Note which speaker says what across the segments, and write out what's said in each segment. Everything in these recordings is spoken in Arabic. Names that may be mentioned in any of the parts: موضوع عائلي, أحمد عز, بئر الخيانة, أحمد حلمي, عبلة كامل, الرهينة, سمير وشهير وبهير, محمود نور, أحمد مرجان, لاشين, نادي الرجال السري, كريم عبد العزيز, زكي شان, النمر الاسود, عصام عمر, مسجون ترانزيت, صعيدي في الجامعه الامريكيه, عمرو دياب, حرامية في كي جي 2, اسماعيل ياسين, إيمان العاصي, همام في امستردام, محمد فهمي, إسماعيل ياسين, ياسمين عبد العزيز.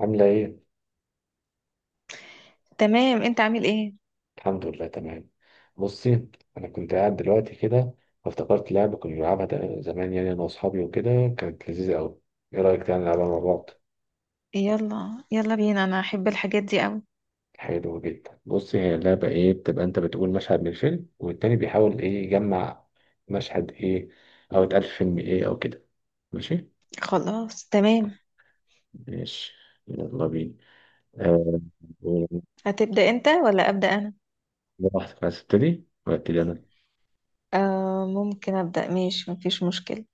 Speaker 1: عاملة إيه؟
Speaker 2: تمام، انت عامل ايه؟
Speaker 1: الحمد لله تمام. بصي، أنا كنت قاعد دلوقتي كده، فافتكرت لعبة كنا بنلعبها زمان، يعني أنا وأصحابي وكده. كانت لذيذة أوي. إيه رأيك تعالى نلعبها مع بعض؟
Speaker 2: يلا يلا بينا، انا احب الحاجات دي قوي.
Speaker 1: حلو جدا. بصي، هي اللعبة إيه، بتبقى أنت بتقول مشهد من فيلم والتاني بيحاول إيه يجمع مشهد إيه أو اتقال في فيلم إيه أو كده. ماشي؟
Speaker 2: خلاص تمام.
Speaker 1: ماشي، يلا بينا. أه
Speaker 2: هتبدأ انت ولا أبدأ انا؟
Speaker 1: براحتك، عايز تبتدي؟ ولا أبتدي أنا؟
Speaker 2: آه، ممكن أبدأ. ماشي، مفيش مشكلة.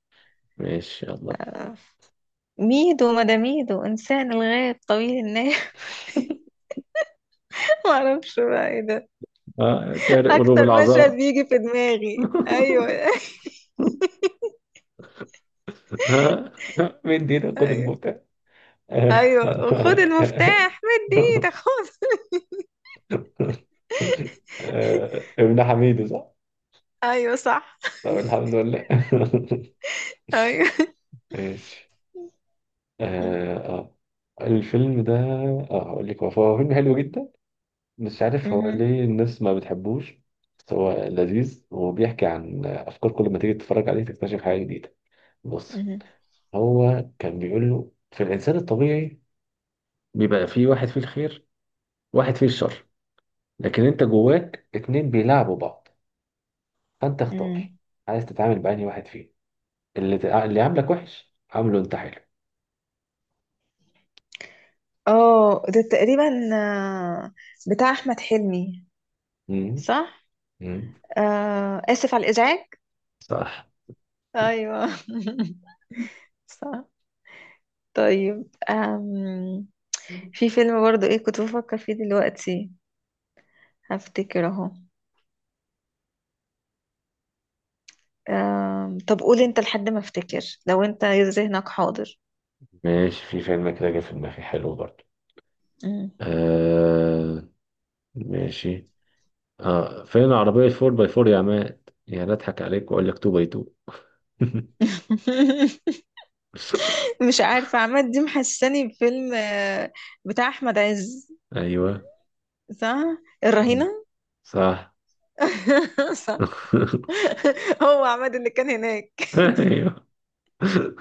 Speaker 1: ماشي يلا.
Speaker 2: آه. ميدو، مداميدو، إنسان الغاب، طويل الناي. معرفش بقى ايه ده.
Speaker 1: آه، سارق قلوب
Speaker 2: أكتر مشهد
Speaker 1: العذار.
Speaker 2: بيجي في دماغي، أيوه.
Speaker 1: ها. مين دينا قد
Speaker 2: أيوه
Speaker 1: الموتى.
Speaker 2: أيوه، خد المفتاح، مد ايدك، خد.
Speaker 1: آه، ابن حميد، صح؟
Speaker 2: أيوه صح.
Speaker 1: طب الحمد لله.
Speaker 2: أيوه.
Speaker 1: ماشي. اه آه. الفيلم ده، اه هقول لك، هو فيلم حلو جدا. مش عارف هو
Speaker 2: مهم.
Speaker 1: ليه الناس ما بتحبوش، بس هو لذيذ وبيحكي عن افكار. كل ما تيجي تتفرج عليه تكتشف حاجه جديده. بص،
Speaker 2: مهم.
Speaker 1: هو كان بيقول له في الانسان الطبيعي بيبقى فيه واحد فيه الخير، واحد فيه الشر، لكن انت جواك اتنين بيلعبوا بعض. فانت اختار
Speaker 2: مهم.
Speaker 1: عايز تتعامل بأنهي واحد فيهم. اللي عاملك وحش عامله انت حلو.
Speaker 2: اه، ده تقريبا بتاع احمد حلمي.
Speaker 1: مم.
Speaker 2: صح.
Speaker 1: مم.
Speaker 2: آه، اسف على الازعاج.
Speaker 1: صح.
Speaker 2: ايوه. صح. طيب. في فيلم برضو ايه كنت بفكر فيه دلوقتي. هفتكر اهو. طب قول انت لحد ما افتكر. لو انت ذهنك حاضر.
Speaker 1: ماشي، في فيلم كده جه في دماغي حلو برضه.
Speaker 2: مم.
Speaker 1: آه ماشي. اه، فين عربية 4 باي 4 يا عماد؟ يا لا، اضحك عليك واقول لك 2 باي 2.
Speaker 2: مش عارفة، عماد دي محساني بفيلم بتاع احمد عز.
Speaker 1: ايوه.
Speaker 2: صح.
Speaker 1: مم.
Speaker 2: الرهينة.
Speaker 1: صح.
Speaker 2: صح. هو عماد اللي كان هناك.
Speaker 1: ايوه.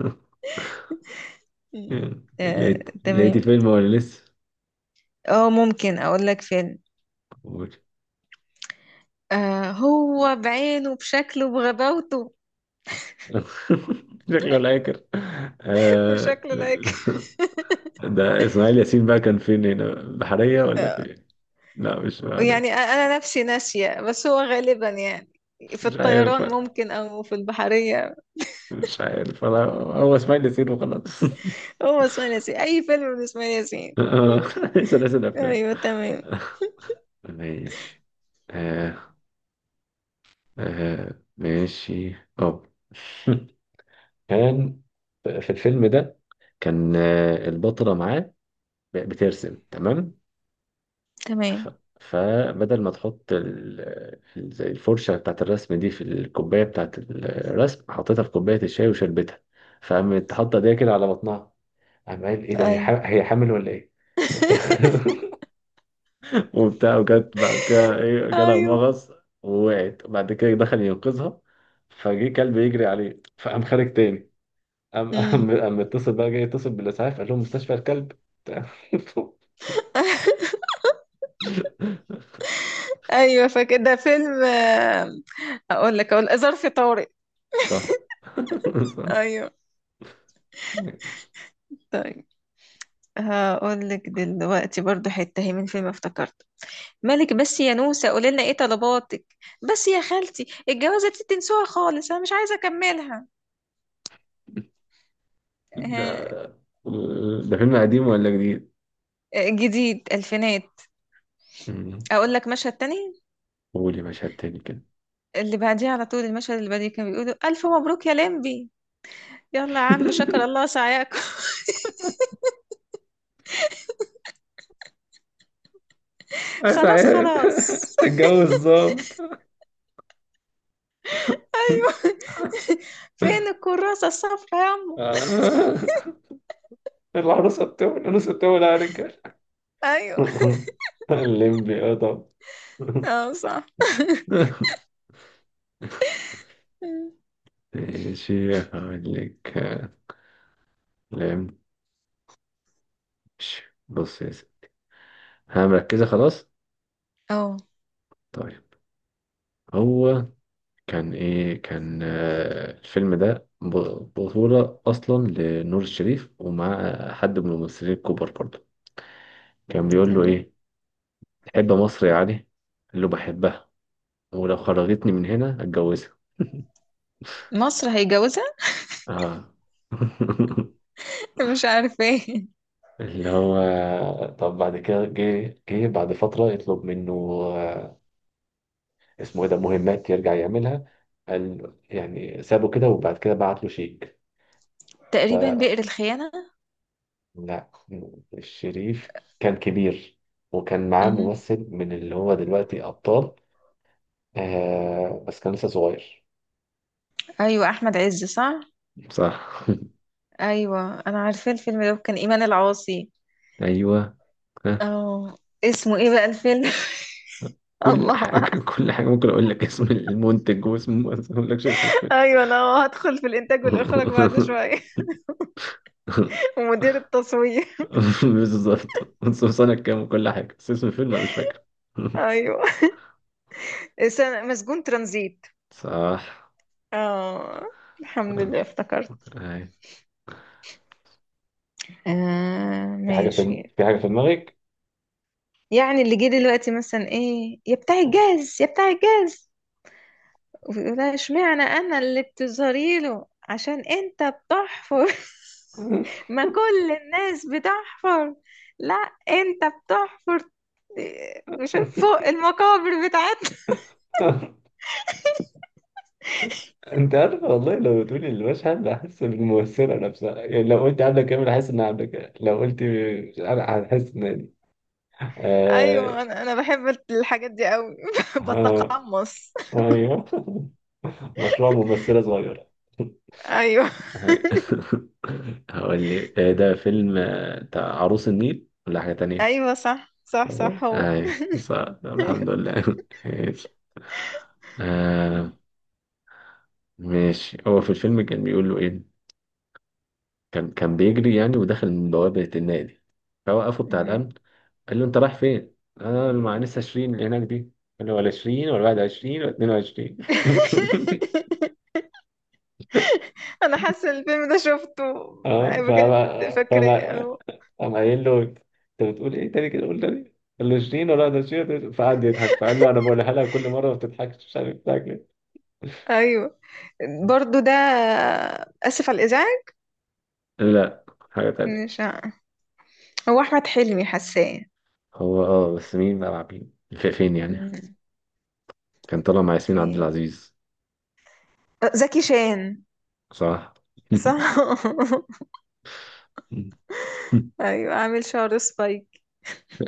Speaker 2: آه.
Speaker 1: لقيت
Speaker 2: تمام.
Speaker 1: الفيلم ولا لسه؟
Speaker 2: اه، ممكن اقول لك فيلم.
Speaker 1: قول.
Speaker 2: آه، هو بعينه، بشكله، بغباوته.
Speaker 1: شكله لا ياكل. آه.
Speaker 2: بشكله لايك.
Speaker 1: ده اسماعيل ياسين بقى، كان فين، هنا بحرية ولا فين؟ لا مش
Speaker 2: يعني
Speaker 1: بحرية.
Speaker 2: انا نفسي ناسيه، بس هو غالبا يعني في
Speaker 1: مش عارف.
Speaker 2: الطيران ممكن، او في البحريه.
Speaker 1: مش عارف، انا هو اسماعيل ياسين وخلاص.
Speaker 2: هو اسماعيل ياسين، اي فيلم لاسماعيل ياسين.
Speaker 1: آه. سلاسل افلام.
Speaker 2: ايوه تمام.
Speaker 1: ماشي. آه. آه ماشي اه. كان في الفيلم ده كان، آه، البطلة معاه بترسم، تمام؟ ف...
Speaker 2: تمام.
Speaker 1: فبدل ما تحط زي الفرشة بتاعت الرسم دي في الكوباية بتاعت الرسم، حطيتها في كوباية الشاي وشربتها. فقامت حاطة ايديها كده على بطنها، قام قال ايه ده،
Speaker 2: ايوه.
Speaker 1: هي حامل ولا ايه؟ وبتاع. وبتاع، وجت بعد كده ايه، جالها
Speaker 2: ايوه.
Speaker 1: مغص ووقعت، وبعد كده دخل ينقذها، فجه كلب يجري عليه فقام خارج تاني. قام
Speaker 2: امم.
Speaker 1: قام قام اتصل بقى، جاي يتصل بالاسعاف قال لهم مستشفى الكلب.
Speaker 2: ايوه، فكده فيلم. اقول لك، اقول آه، ظرف طارق.
Speaker 1: صح.
Speaker 2: ايوه. طيب. هقول لك دلوقتي برضو حتة هي من فيلم افتكرت. مالك بس يا نوسة، قولي لنا ايه طلباتك؟ بس يا خالتي، الجوازة دي تنسوها خالص، انا مش عايزة اكملها.
Speaker 1: صح.
Speaker 2: آه.
Speaker 1: ده فيلم قديم ولا جديد؟
Speaker 2: جديد الفينات.
Speaker 1: مم.
Speaker 2: اقول لك مشهد تاني.
Speaker 1: قولي مشهد تاني كده.
Speaker 2: اللي بعديه على طول، المشهد اللي بعديه كانوا بيقولوا: الف مبروك يا لمبي. يلا يا عم، شكر الله سعيكم. خلاص،
Speaker 1: سعيد.
Speaker 2: خلاص.
Speaker 1: تتجوز ظابط.
Speaker 2: فين الكراسة الصفرا يا عمو؟
Speaker 1: آه. العروسة بتولع، العروسة بتولع يا رجال.
Speaker 2: ايوه.
Speaker 1: الليمبي، اه طبعا.
Speaker 2: اه، صح.
Speaker 1: ماشي، هقول لك. لم- ماشي. بص يا سيدي. ها مركزة؟ خلاص.
Speaker 2: اه،
Speaker 1: طيب، هو كان ايه، كان، آه، الفيلم ده بطولة اصلا لنور الشريف، ومع حد من الممثلين الكبار برضه. كان بيقول له
Speaker 2: تمام.
Speaker 1: ايه، تحب مصر يا علي؟ قال له بحبها، ولو خرجتني من هنا اتجوزها.
Speaker 2: مصر هيجوزها.
Speaker 1: اه.
Speaker 2: مش عارفة ايه.
Speaker 1: اللي هو، طب بعد كده جه بعد فترة يطلب منه، آه، اسمه ايه ده، مهمات يرجع يعملها. قال يعني سابه كده، وبعد كده بعت له شيك. ف
Speaker 2: تقريبا بئر الخيانة.
Speaker 1: لا، الشريف كان كبير، وكان معاه
Speaker 2: مهم.
Speaker 1: ممثل من اللي هو دلوقتي أبطال، آه، بس كان لسه صغير.
Speaker 2: أيوة، أحمد عز، صح.
Speaker 1: صح.
Speaker 2: أيوة، أنا عارفة الفيلم ده، كان إيمان العاصي.
Speaker 1: ايوه.
Speaker 2: اه. اسمه إيه بقى الفيلم؟
Speaker 1: كل
Speaker 2: الله
Speaker 1: حاجة،
Speaker 2: أعلم.
Speaker 1: كل حاجة ممكن أقول لك، اسم المنتج واسم، بس ما أقولكش اسم الفيلم.
Speaker 2: أيوة، أنا هدخل في الإنتاج والإخراج بعد شوية. ومدير التصوير.
Speaker 1: بالظبط، بس سنة كام وكل حاجة، بس اسم الفيلم أنا مش فاكر.
Speaker 2: أيوة. مسجون ترانزيت.
Speaker 1: صح.
Speaker 2: اه. الحمد
Speaker 1: آه.
Speaker 2: لله افتكرت.
Speaker 1: أي.
Speaker 2: آه
Speaker 1: في حاجة، في
Speaker 2: ماشي.
Speaker 1: في حاجة في دماغك؟
Speaker 2: يعني اللي جه دلوقتي مثلا: ايه يا بتاع الجاز، يا بتاع الجاز. لا، اشمعنى انا اللي بتظهري له عشان انت بتحفر؟ ما كل الناس بتحفر. لا، انت بتحفر. شوف فوق المقابر بتاعتنا.
Speaker 1: أنت عارف والله، لو تقولي المشهد هحس بالممثلة نفسها، يعني لو قلت عبلة كامل هحس إنها عبلة كامل، لو قلت أنا هحس إن،
Speaker 2: ايوه،
Speaker 1: آه...
Speaker 2: انا بحب الحاجات دي قوي.
Speaker 1: آه.
Speaker 2: بتقمص.
Speaker 1: ايوه. مشروع ممثلة صغيرة.
Speaker 2: ايوه.
Speaker 1: هاي. هقول لك، آه، ده فيلم، آه، بتاع عروس النيل ولا حاجة تانية؟
Speaker 2: ايوه، صح، صح،
Speaker 1: اهو،
Speaker 2: صح، هو.
Speaker 1: اي صح، طب الحمد
Speaker 2: أيوة.
Speaker 1: لله. ماشي. آه ماشي. هو في الفيلم كان بيقول له ايه، كان بيجري يعني، ودخل من بوابة النادي فوقفه بتاع
Speaker 2: مهم.
Speaker 1: الأمن. قال له انت رايح فين؟ انا مع لسه 20 اللي هناك دي. قال له ولا 20 ولا 21 ولا 22.
Speaker 2: انا حاسه الفيلم ده شفته.
Speaker 1: اه، فاهمة
Speaker 2: بجد فاكراه
Speaker 1: فاهمة
Speaker 2: أهو.
Speaker 1: قام قايل له انت بتقول ايه تاني كده، قول تاني. قال له شيرين ولا ده شيرين، فقعد يضحك، فقال له انا بقولها لها كل مره ما بتضحكش، مش عارف بتضحك ليه.
Speaker 2: ايوه. برضو ده اسف على الازعاج.
Speaker 1: لا، حاجة تانية.
Speaker 2: مش ع- هو احمد حلمي حاساه.
Speaker 1: هو اه، بس مين بقى مع مين، فين يعني؟
Speaker 2: مم.
Speaker 1: كان طالع مع ياسمين عبد
Speaker 2: في
Speaker 1: العزيز.
Speaker 2: زكي شان.
Speaker 1: صح.
Speaker 2: صح. ايوه، عامل شعر سبايك.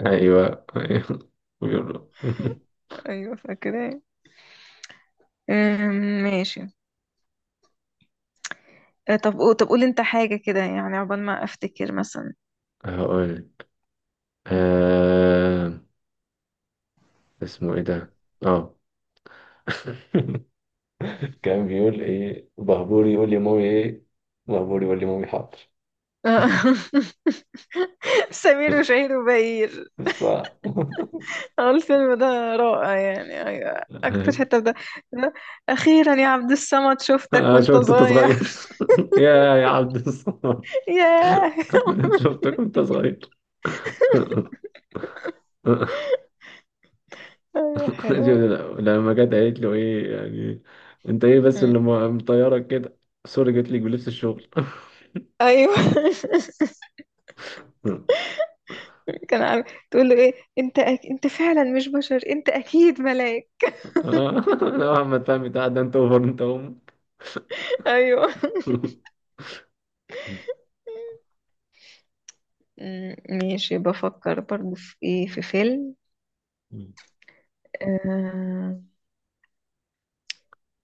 Speaker 1: ايوه ايوه، بيقول له.
Speaker 2: ايوه فاكراه. ماشي. طب قول انت حاجه كده، يعني عقبال ما افتكر مثلا.
Speaker 1: هقول، آه... اسمه ايه ده، اه. كان بيقول ايه، بهبوري يقول لي مامي ايه، بهبوري يقول لي مامي حاضر.
Speaker 2: سمير وشهير وبهير.
Speaker 1: بس. آه.
Speaker 2: آه، الفيلم ده رائع يعني. ايوه،
Speaker 1: أنا
Speaker 2: اكتر حته ده. اخيرا يا عبد الصمد، شفتك وانت
Speaker 1: شفت أنت
Speaker 2: صغير.
Speaker 1: صغير. يا عبد الصمد.
Speaker 2: ياه.
Speaker 1: شفتك وأنت صغير.
Speaker 2: ايوه
Speaker 1: شوف،
Speaker 2: حلو.
Speaker 1: لما جت قالت له إيه يعني، أنت إيه بس
Speaker 2: مم.
Speaker 1: مطيرك كده؟ سوري جت لك بلبس الشغل.
Speaker 2: ايوه. كان عارف. تقول له: ايه انت انت فعلا مش بشر، انت اكيد ملاك.
Speaker 1: آه. لا محمد فهمي، ده أنت أوفر، أنت أم.
Speaker 2: ايوه. ماشي، بفكر برضو في ايه، في فيلم. آه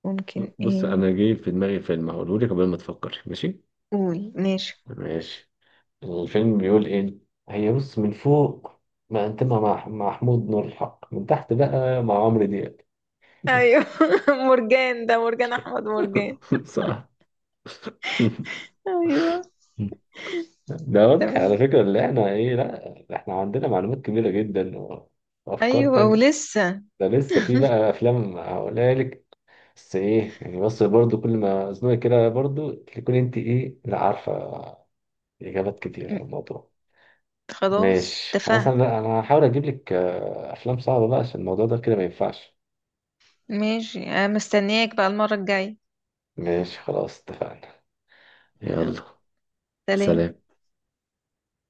Speaker 2: ممكن
Speaker 1: بص أنا
Speaker 2: ايه.
Speaker 1: جاي في دماغي فيلم، هقوله لك قبل ما تفكر، ماشي؟
Speaker 2: قول ماشي.
Speaker 1: ماشي، الفيلم بيقول إيه، هي بص من فوق، ما أنت مع محمود نور الحق، من تحت بقى مع عمرو دياب.
Speaker 2: ايوه. مرجان، ده مرجان احمد مرجان.
Speaker 1: صح.
Speaker 2: ايوه
Speaker 1: ده واضح على
Speaker 2: تمام.
Speaker 1: فكرة اللي احنا ايه، لا احنا عندنا معلومات كبيرة جدا وافكار
Speaker 2: ايوه
Speaker 1: تانية.
Speaker 2: ولسه.
Speaker 1: ده لسه في بقى افلام هقولها لك، بس ايه يعني، بس برضو كل ما ازنقي كده برضو تكون انت ايه، لا عارفة اجابات كتير
Speaker 2: م،
Speaker 1: عن الموضوع.
Speaker 2: خلاص
Speaker 1: ماشي خلاص،
Speaker 2: اتفقنا.
Speaker 1: انا لا، انا هحاول اجيب لك، آه، افلام صعبة بقى، عشان الموضوع ده كده ما ينفعش.
Speaker 2: ماشي، انا مستنياك بقى المرة الجاية.
Speaker 1: ماشي خلاص اتفقنا.
Speaker 2: يلا.
Speaker 1: يلا.
Speaker 2: سلام.
Speaker 1: سلام.